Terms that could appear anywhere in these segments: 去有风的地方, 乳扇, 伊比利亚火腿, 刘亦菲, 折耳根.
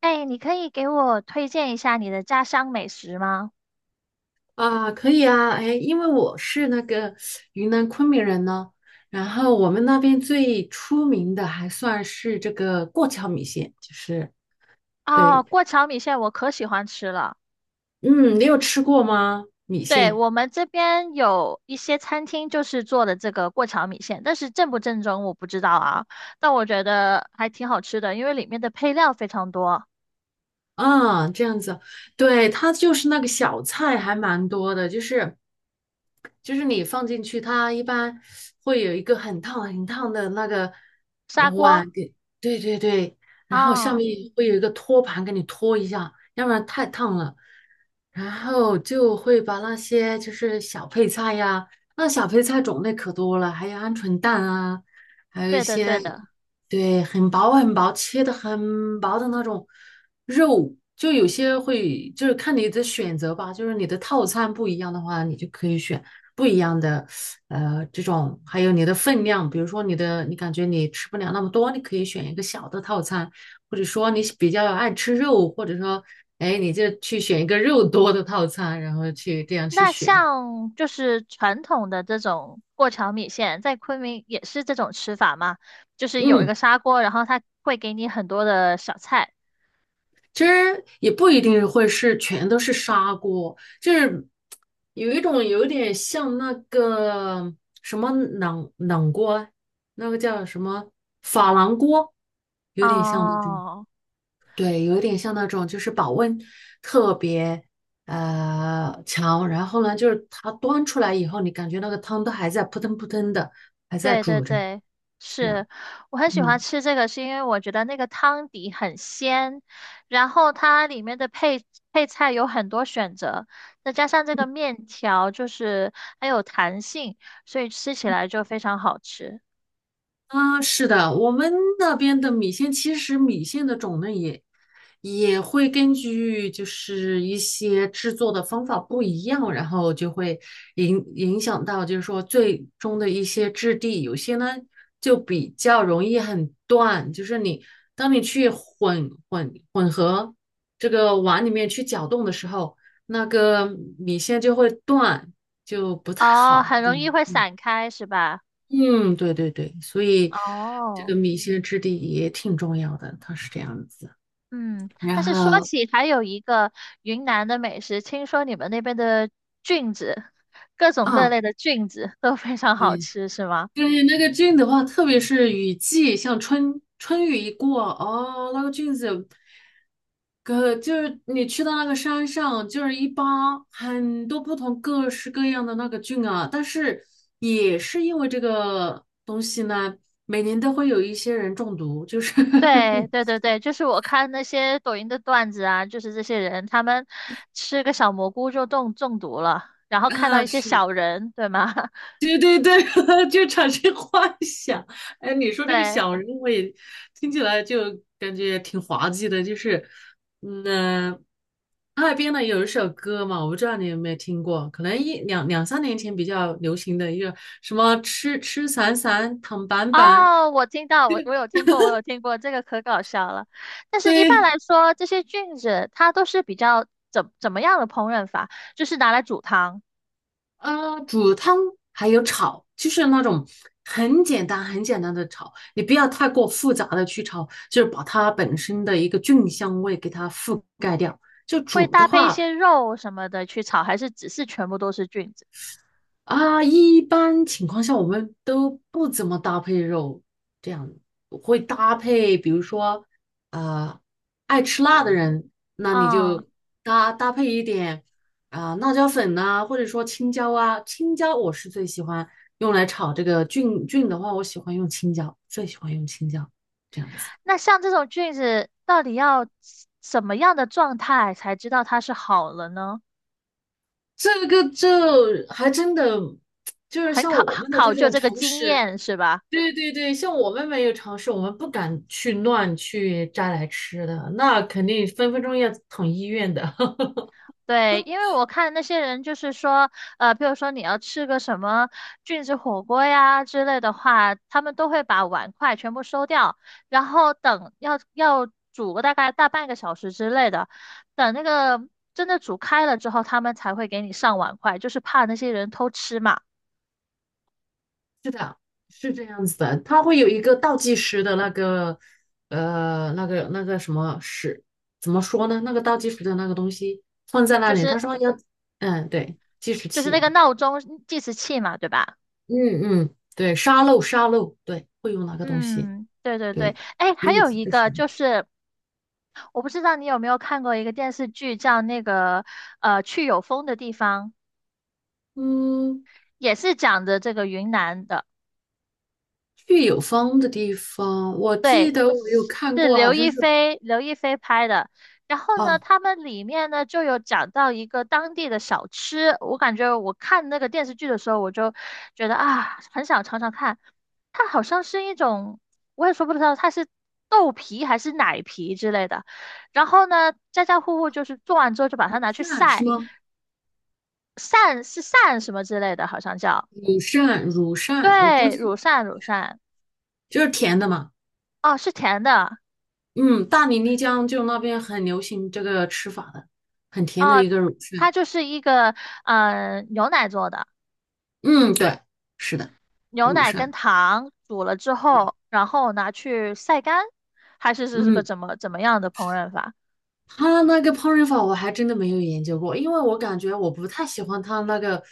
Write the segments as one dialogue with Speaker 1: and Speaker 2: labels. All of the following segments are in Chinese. Speaker 1: 哎，你可以给我推荐一下你的家乡美食吗？
Speaker 2: 啊，可以啊，哎，因为我是那个云南昆明人呢，然后我们那边最出名的还算是这个过桥米线，就是
Speaker 1: 哦，
Speaker 2: 对，
Speaker 1: 过桥米线我可喜欢吃了。
Speaker 2: 嗯，你有吃过吗？米
Speaker 1: 对，
Speaker 2: 线？
Speaker 1: 我们这边有一些餐厅就是做的这个过桥米线，但是正不正宗我不知道啊。但我觉得还挺好吃的，因为里面的配料非常多。
Speaker 2: 嗯，这样子，对，它就是那个小菜还蛮多的，就是你放进去，它一般会有一个很烫很烫的那个
Speaker 1: 砂锅
Speaker 2: 碗给，对对对，然后下
Speaker 1: 啊，
Speaker 2: 面会有一个托盘给你托一下，要不然太烫了。然后就会把那些就是小配菜呀，那小配菜种类可多了，还有鹌鹑蛋啊，还有一
Speaker 1: 对的对
Speaker 2: 些
Speaker 1: 的。
Speaker 2: 对很薄很薄切的很薄的那种。肉就有些会，就是看你的选择吧，就是你的套餐不一样的话，你就可以选不一样的，这种，还有你的分量，比如说你的，你感觉你吃不了那么多，你可以选一个小的套餐，或者说你比较爱吃肉，或者说，哎，你就去选一个肉多的套餐，然后去这样去
Speaker 1: 那
Speaker 2: 选，
Speaker 1: 像就是传统的这种过桥米线，在昆明也是这种吃法吗？就是有一
Speaker 2: 嗯。
Speaker 1: 个砂锅，然后它会给你很多的小菜。
Speaker 2: 其实也不一定会是全都是砂锅，就是有一种有点像那个什么冷冷锅，那个叫什么珐琅锅，有点像那种，
Speaker 1: 哦，
Speaker 2: 对，有点像那种，就是保温特别强，然后呢，就是它端出来以后，你感觉那个汤都还在扑腾扑腾的，还在
Speaker 1: 对对
Speaker 2: 煮着，
Speaker 1: 对，
Speaker 2: 是，
Speaker 1: 是，我很喜欢
Speaker 2: 嗯。
Speaker 1: 吃这个，是因为我觉得那个汤底很鲜，然后它里面的配菜有很多选择，再加上这个面条就是很有弹性，所以吃起来就非常好吃。
Speaker 2: 啊，是的，我们那边的米线，其实米线的种类也会根据就是一些制作的方法不一样，然后就会影响到就是说最终的一些质地，有些呢就比较容易很断，就是你当你去混这个碗里面去搅动的时候，那个米线就会断，就不太
Speaker 1: 哦，
Speaker 2: 好。
Speaker 1: 很容易
Speaker 2: 嗯
Speaker 1: 会
Speaker 2: 嗯。
Speaker 1: 散开，是吧？
Speaker 2: 嗯，对对对，所以这个
Speaker 1: 哦，
Speaker 2: 米线质地也挺重要的，它是这样子。
Speaker 1: 嗯，
Speaker 2: 然
Speaker 1: 但是说
Speaker 2: 后
Speaker 1: 起还有一个云南的美食，听说你们那边的菌子，各种各
Speaker 2: 啊，
Speaker 1: 类的菌子都非常好
Speaker 2: 对，
Speaker 1: 吃，是吗？
Speaker 2: 对，那个菌的话，特别是雨季，像春雨一过，哦，那个菌子，可就是你去到那个山上，就是一扒很多不同各式各样的那个菌啊。但是也是因为这个东西呢，每年都会有一些人中毒，就是
Speaker 1: 对 对对对，就是我看那些抖音的段子啊，就是这些人他们吃个小蘑菇就中毒了，然后看到
Speaker 2: 啊，
Speaker 1: 一些
Speaker 2: 是。
Speaker 1: 小人，对吗？
Speaker 2: 对 对对，就产生幻想。哎，你说这个
Speaker 1: 对，
Speaker 2: 小人，我也听起来就感觉挺滑稽的。就是，嗯，哈尔滨呢有一首歌嘛，我不知道你有没有听过，可能一两三年前比较流行的一个什么“吃吃散散躺板板”，
Speaker 1: 哦，我听到，我有听过，我有听过，这个可搞笑了。但 是一般
Speaker 2: 对，
Speaker 1: 来说，这些菌子它都是比较怎么样的烹饪法？就是拿来煮汤，
Speaker 2: 煮汤还有炒，就是那种很简单、很简单的炒，你不要太过复杂的去炒，就是把它本身的一个菌香味给它覆盖掉。就
Speaker 1: 会
Speaker 2: 煮的
Speaker 1: 搭配一
Speaker 2: 话，
Speaker 1: 些肉什么的去炒，还是只是全部都是菌子？
Speaker 2: 啊，一般情况下我们都不怎么搭配肉，这样会搭配，比如说，呃，爱吃辣的人，那你
Speaker 1: 啊？
Speaker 2: 就搭配一点啊、辣椒粉呐、或者说青椒啊，青椒我是最喜欢用来炒这个菌的话，我喜欢用青椒，最喜欢用青椒这样子。
Speaker 1: 那像这种菌子，到底要什么样的状态才知道它是好了呢？
Speaker 2: 这个就还真的就是
Speaker 1: 很
Speaker 2: 像
Speaker 1: 考
Speaker 2: 我 们的
Speaker 1: 考
Speaker 2: 这
Speaker 1: 究
Speaker 2: 种
Speaker 1: 这个
Speaker 2: 常
Speaker 1: 经
Speaker 2: 识。
Speaker 1: 验是吧？
Speaker 2: 对对对，像我们没有尝试，我们不敢去乱去摘来吃的，那肯定分分钟要捅医院的。
Speaker 1: 对，因为我看那些人就是说，比如说你要吃个什么菌子火锅呀之类的话，他们都会把碗筷全部收掉，然后等要煮个大概大半个小时之类的，等那个真的煮开了之后，他们才会给你上碗筷，就是怕那些人偷吃嘛。
Speaker 2: 是的，是这样子的，它会有一个倒计时的那个，那个什么时，怎么说呢？那个倒计时的那个东西放在那
Speaker 1: 就
Speaker 2: 里，
Speaker 1: 是
Speaker 2: 他说要，嗯，对，计时
Speaker 1: 那
Speaker 2: 器，
Speaker 1: 个闹钟计时器嘛，对吧？
Speaker 2: 嗯嗯，对，沙漏，对，会用那个东西，
Speaker 1: 嗯，对对对，
Speaker 2: 对，
Speaker 1: 哎，
Speaker 2: 给
Speaker 1: 还
Speaker 2: 你
Speaker 1: 有
Speaker 2: 提
Speaker 1: 一
Speaker 2: 个
Speaker 1: 个
Speaker 2: 醒，
Speaker 1: 就是，我不知道你有没有看过一个电视剧，叫那个《去有风的地方》，
Speaker 2: 嗯。
Speaker 1: 也是讲的这个云南的。
Speaker 2: 去有风的地方，我记得我有看
Speaker 1: 是
Speaker 2: 过，好
Speaker 1: 刘
Speaker 2: 像
Speaker 1: 亦
Speaker 2: 是
Speaker 1: 菲，刘亦菲拍的。然后呢，
Speaker 2: 哦，
Speaker 1: 他们里面呢就有讲到一个当地的小吃，我感觉我看那个电视剧的时候，我就觉得啊，很想尝尝看。它好像是一种，我也说不知道它是豆皮还是奶皮之类的。然后呢，家家户户就是做完之后就把它拿去
Speaker 2: 扇是
Speaker 1: 晒，
Speaker 2: 吗？
Speaker 1: 晒是晒什么之类的，好像叫，
Speaker 2: 乳扇，我估
Speaker 1: 对，乳
Speaker 2: 计
Speaker 1: 扇乳扇，
Speaker 2: 就是甜的嘛。
Speaker 1: 哦，是甜的，
Speaker 2: 嗯，大理、丽江就那边很流行这个吃法的，很甜的
Speaker 1: 哦，
Speaker 2: 一个乳扇。
Speaker 1: 它就是一个牛奶做的。
Speaker 2: 嗯，对，是的，
Speaker 1: 牛
Speaker 2: 乳
Speaker 1: 奶跟
Speaker 2: 扇。
Speaker 1: 糖煮了之
Speaker 2: 对，
Speaker 1: 后，然后拿去晒干，还是是个
Speaker 2: 嗯
Speaker 1: 怎么样的烹饪法
Speaker 2: 他那个烹饪法我还真的没有研究过，因为我感觉我不太喜欢他那个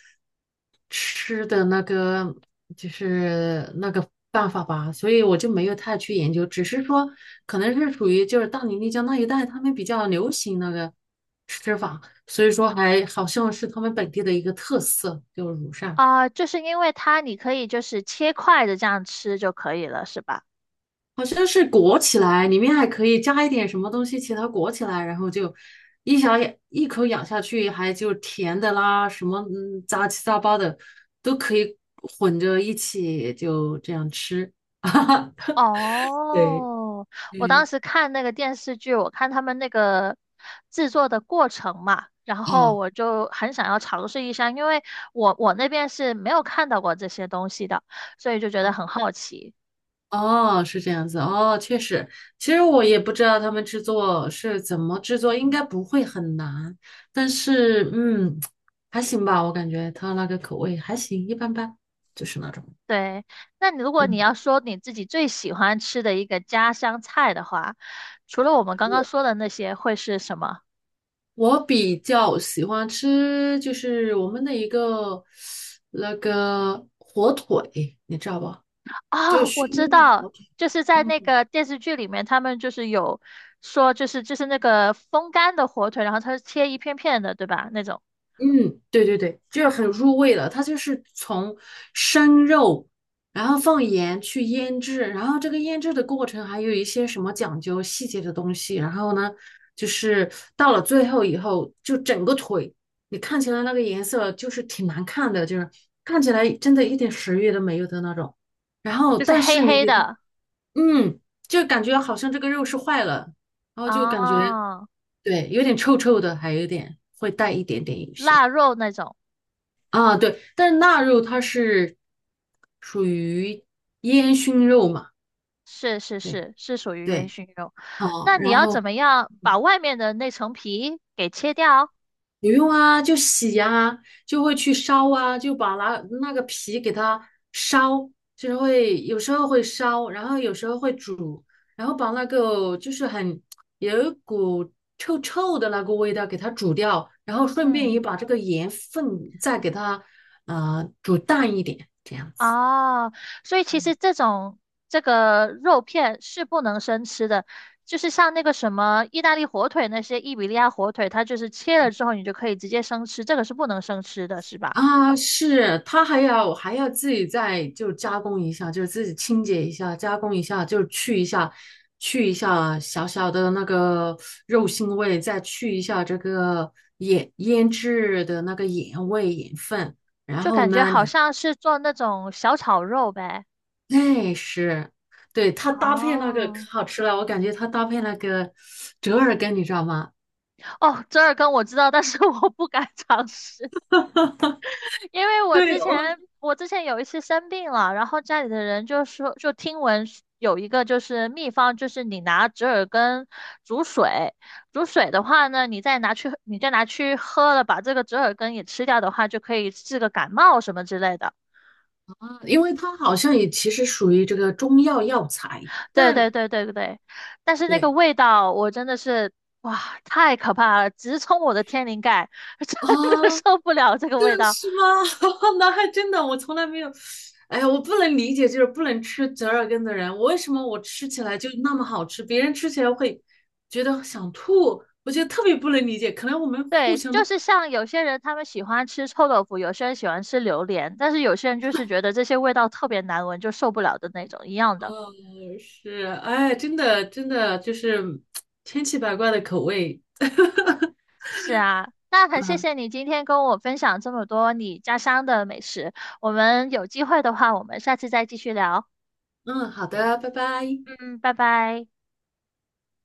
Speaker 2: 吃的那个就是那个办法吧，所以我就没有太去研究，只是说可能是属于就是大理丽江那一带他们比较流行那个吃法，所以说还好像是他们本地的一个特色，就是乳扇。
Speaker 1: 啊？就是因为它你可以就是切块的这样吃就可以了，是吧？
Speaker 2: 好像是裹起来，里面还可以加一点什么东西，其他裹起来，然后就一小一口咬下去，还就甜的啦，什么杂七杂八的都可以混着一起就这样吃。对，
Speaker 1: 哦，我当
Speaker 2: 嗯，
Speaker 1: 时看那个电视剧，我看他们那个制作的过程嘛，然后
Speaker 2: 哦
Speaker 1: 我就很想要尝试一下，因为我那边是没有看到过这些东西的，所以就觉得
Speaker 2: 哦
Speaker 1: 很好奇。
Speaker 2: 哦，是这样子哦，确实，其实我也不知道他们制作是怎么制作，应该不会很难，但是嗯，还行吧，我感觉它那个口味还行，一般般，就是那种。
Speaker 1: 对，那你如果你
Speaker 2: 嗯，
Speaker 1: 要说你自己最喜欢吃的一个家乡菜的话，除了我们刚刚说
Speaker 2: 我
Speaker 1: 的那些，会是什么？
Speaker 2: 我比较喜欢吃，就是我们的一个那个火腿，你知道吧？就是
Speaker 1: 啊，我
Speaker 2: 熏
Speaker 1: 知
Speaker 2: 的
Speaker 1: 道，
Speaker 2: 火腿。
Speaker 1: 就是在那
Speaker 2: 嗯
Speaker 1: 个电视剧里面，他们就是有说，就是那个风干的火腿，然后它是切一片片的，对吧？那种
Speaker 2: 嗯，对对对，就是很入味了。它就是从生肉，然后放盐去腌制，然后这个腌制的过程还有一些什么讲究细节的东西。然后呢，就是到了最后以后，就整个腿，你看起来那个颜色就是挺难看的，就是看起来真的一点食欲都没有的那种。然后，
Speaker 1: 就是
Speaker 2: 但
Speaker 1: 黑
Speaker 2: 是你
Speaker 1: 黑
Speaker 2: 给它，
Speaker 1: 的
Speaker 2: 嗯，就感觉好像这个肉是坏了，然后就感觉
Speaker 1: 啊，
Speaker 2: 对，有点臭臭的，还有点会带一点点有些。
Speaker 1: 腊肉那种，
Speaker 2: 啊，对，但是腊肉它是属于烟熏肉嘛，
Speaker 1: 是是
Speaker 2: 对
Speaker 1: 是是属于烟
Speaker 2: 对，
Speaker 1: 熏肉。
Speaker 2: 哦，
Speaker 1: 那你
Speaker 2: 然
Speaker 1: 要怎
Speaker 2: 后
Speaker 1: 么样把外面的那层皮给切掉？
Speaker 2: 不用啊，就洗啊，就会去烧啊，就把那个皮给它烧，就是会有时候会烧，然后有时候会煮，然后把那个就是很有一股臭臭的那个味道给它煮掉，然后顺便也
Speaker 1: 嗯。
Speaker 2: 把这个盐分再给它煮淡一点，这样。
Speaker 1: 哦，所以其实这种这个肉片是不能生吃的，就是像那个什么意大利火腿那些伊比利亚火腿，它就是切了之后你就可以直接生吃，这个是不能生吃的，是吧？
Speaker 2: 啊，是，它还要自己再就加工一下，就是自己清洁一下，加工一下，就是去一下，去一下小小的那个肉腥味，再去一下这个盐腌制的那个盐味盐分，然
Speaker 1: 就
Speaker 2: 后
Speaker 1: 感觉
Speaker 2: 呢，
Speaker 1: 好
Speaker 2: 你
Speaker 1: 像是做那种小炒肉呗。
Speaker 2: 哎是，对它搭配那个
Speaker 1: 哦，
Speaker 2: 可好吃了，我感觉它搭配那个折耳根，你知道吗？
Speaker 1: 哦，折耳根我知道，但是 我不敢尝试。因为我之
Speaker 2: 对，我
Speaker 1: 前我之前有一次生病了，然后家里的人就说，就听闻是有一个就是秘方，就是你拿折耳根煮水，煮水的话呢，你再拿去喝了，把这个折耳根也吃掉的话，就可以治个感冒什么之类的。
Speaker 2: 啊，因为它好像也其实属于这个中药药材，
Speaker 1: 对对
Speaker 2: 但
Speaker 1: 对对对，但是那个
Speaker 2: 对
Speaker 1: 味道我真的是哇，太可怕了，直冲我的天灵盖，真的
Speaker 2: 啊，
Speaker 1: 受不了这个味
Speaker 2: 这
Speaker 1: 道。
Speaker 2: 是吗？那还真的，我从来没有。哎呀，我不能理解，就是不能吃折耳根的人，我为什么我吃起来就那么好吃，别人吃起来会觉得想吐，我觉得特别不能理解。可能我们互
Speaker 1: 对，
Speaker 2: 相
Speaker 1: 就
Speaker 2: 都，
Speaker 1: 是像有些人他们喜欢吃臭豆腐，有些人喜欢吃榴莲，但是有些人就是觉得这些味道特别难闻，就受不了的那种一样的。
Speaker 2: 呃，是，哎，真的，真的就是千奇百怪的口味。
Speaker 1: 是啊，那很谢
Speaker 2: 嗯
Speaker 1: 谢你今天跟我分享这么多你家乡的美食，我们有机会的话，我们下次再继续聊。
Speaker 2: 嗯，好的，拜拜。
Speaker 1: 嗯，拜拜。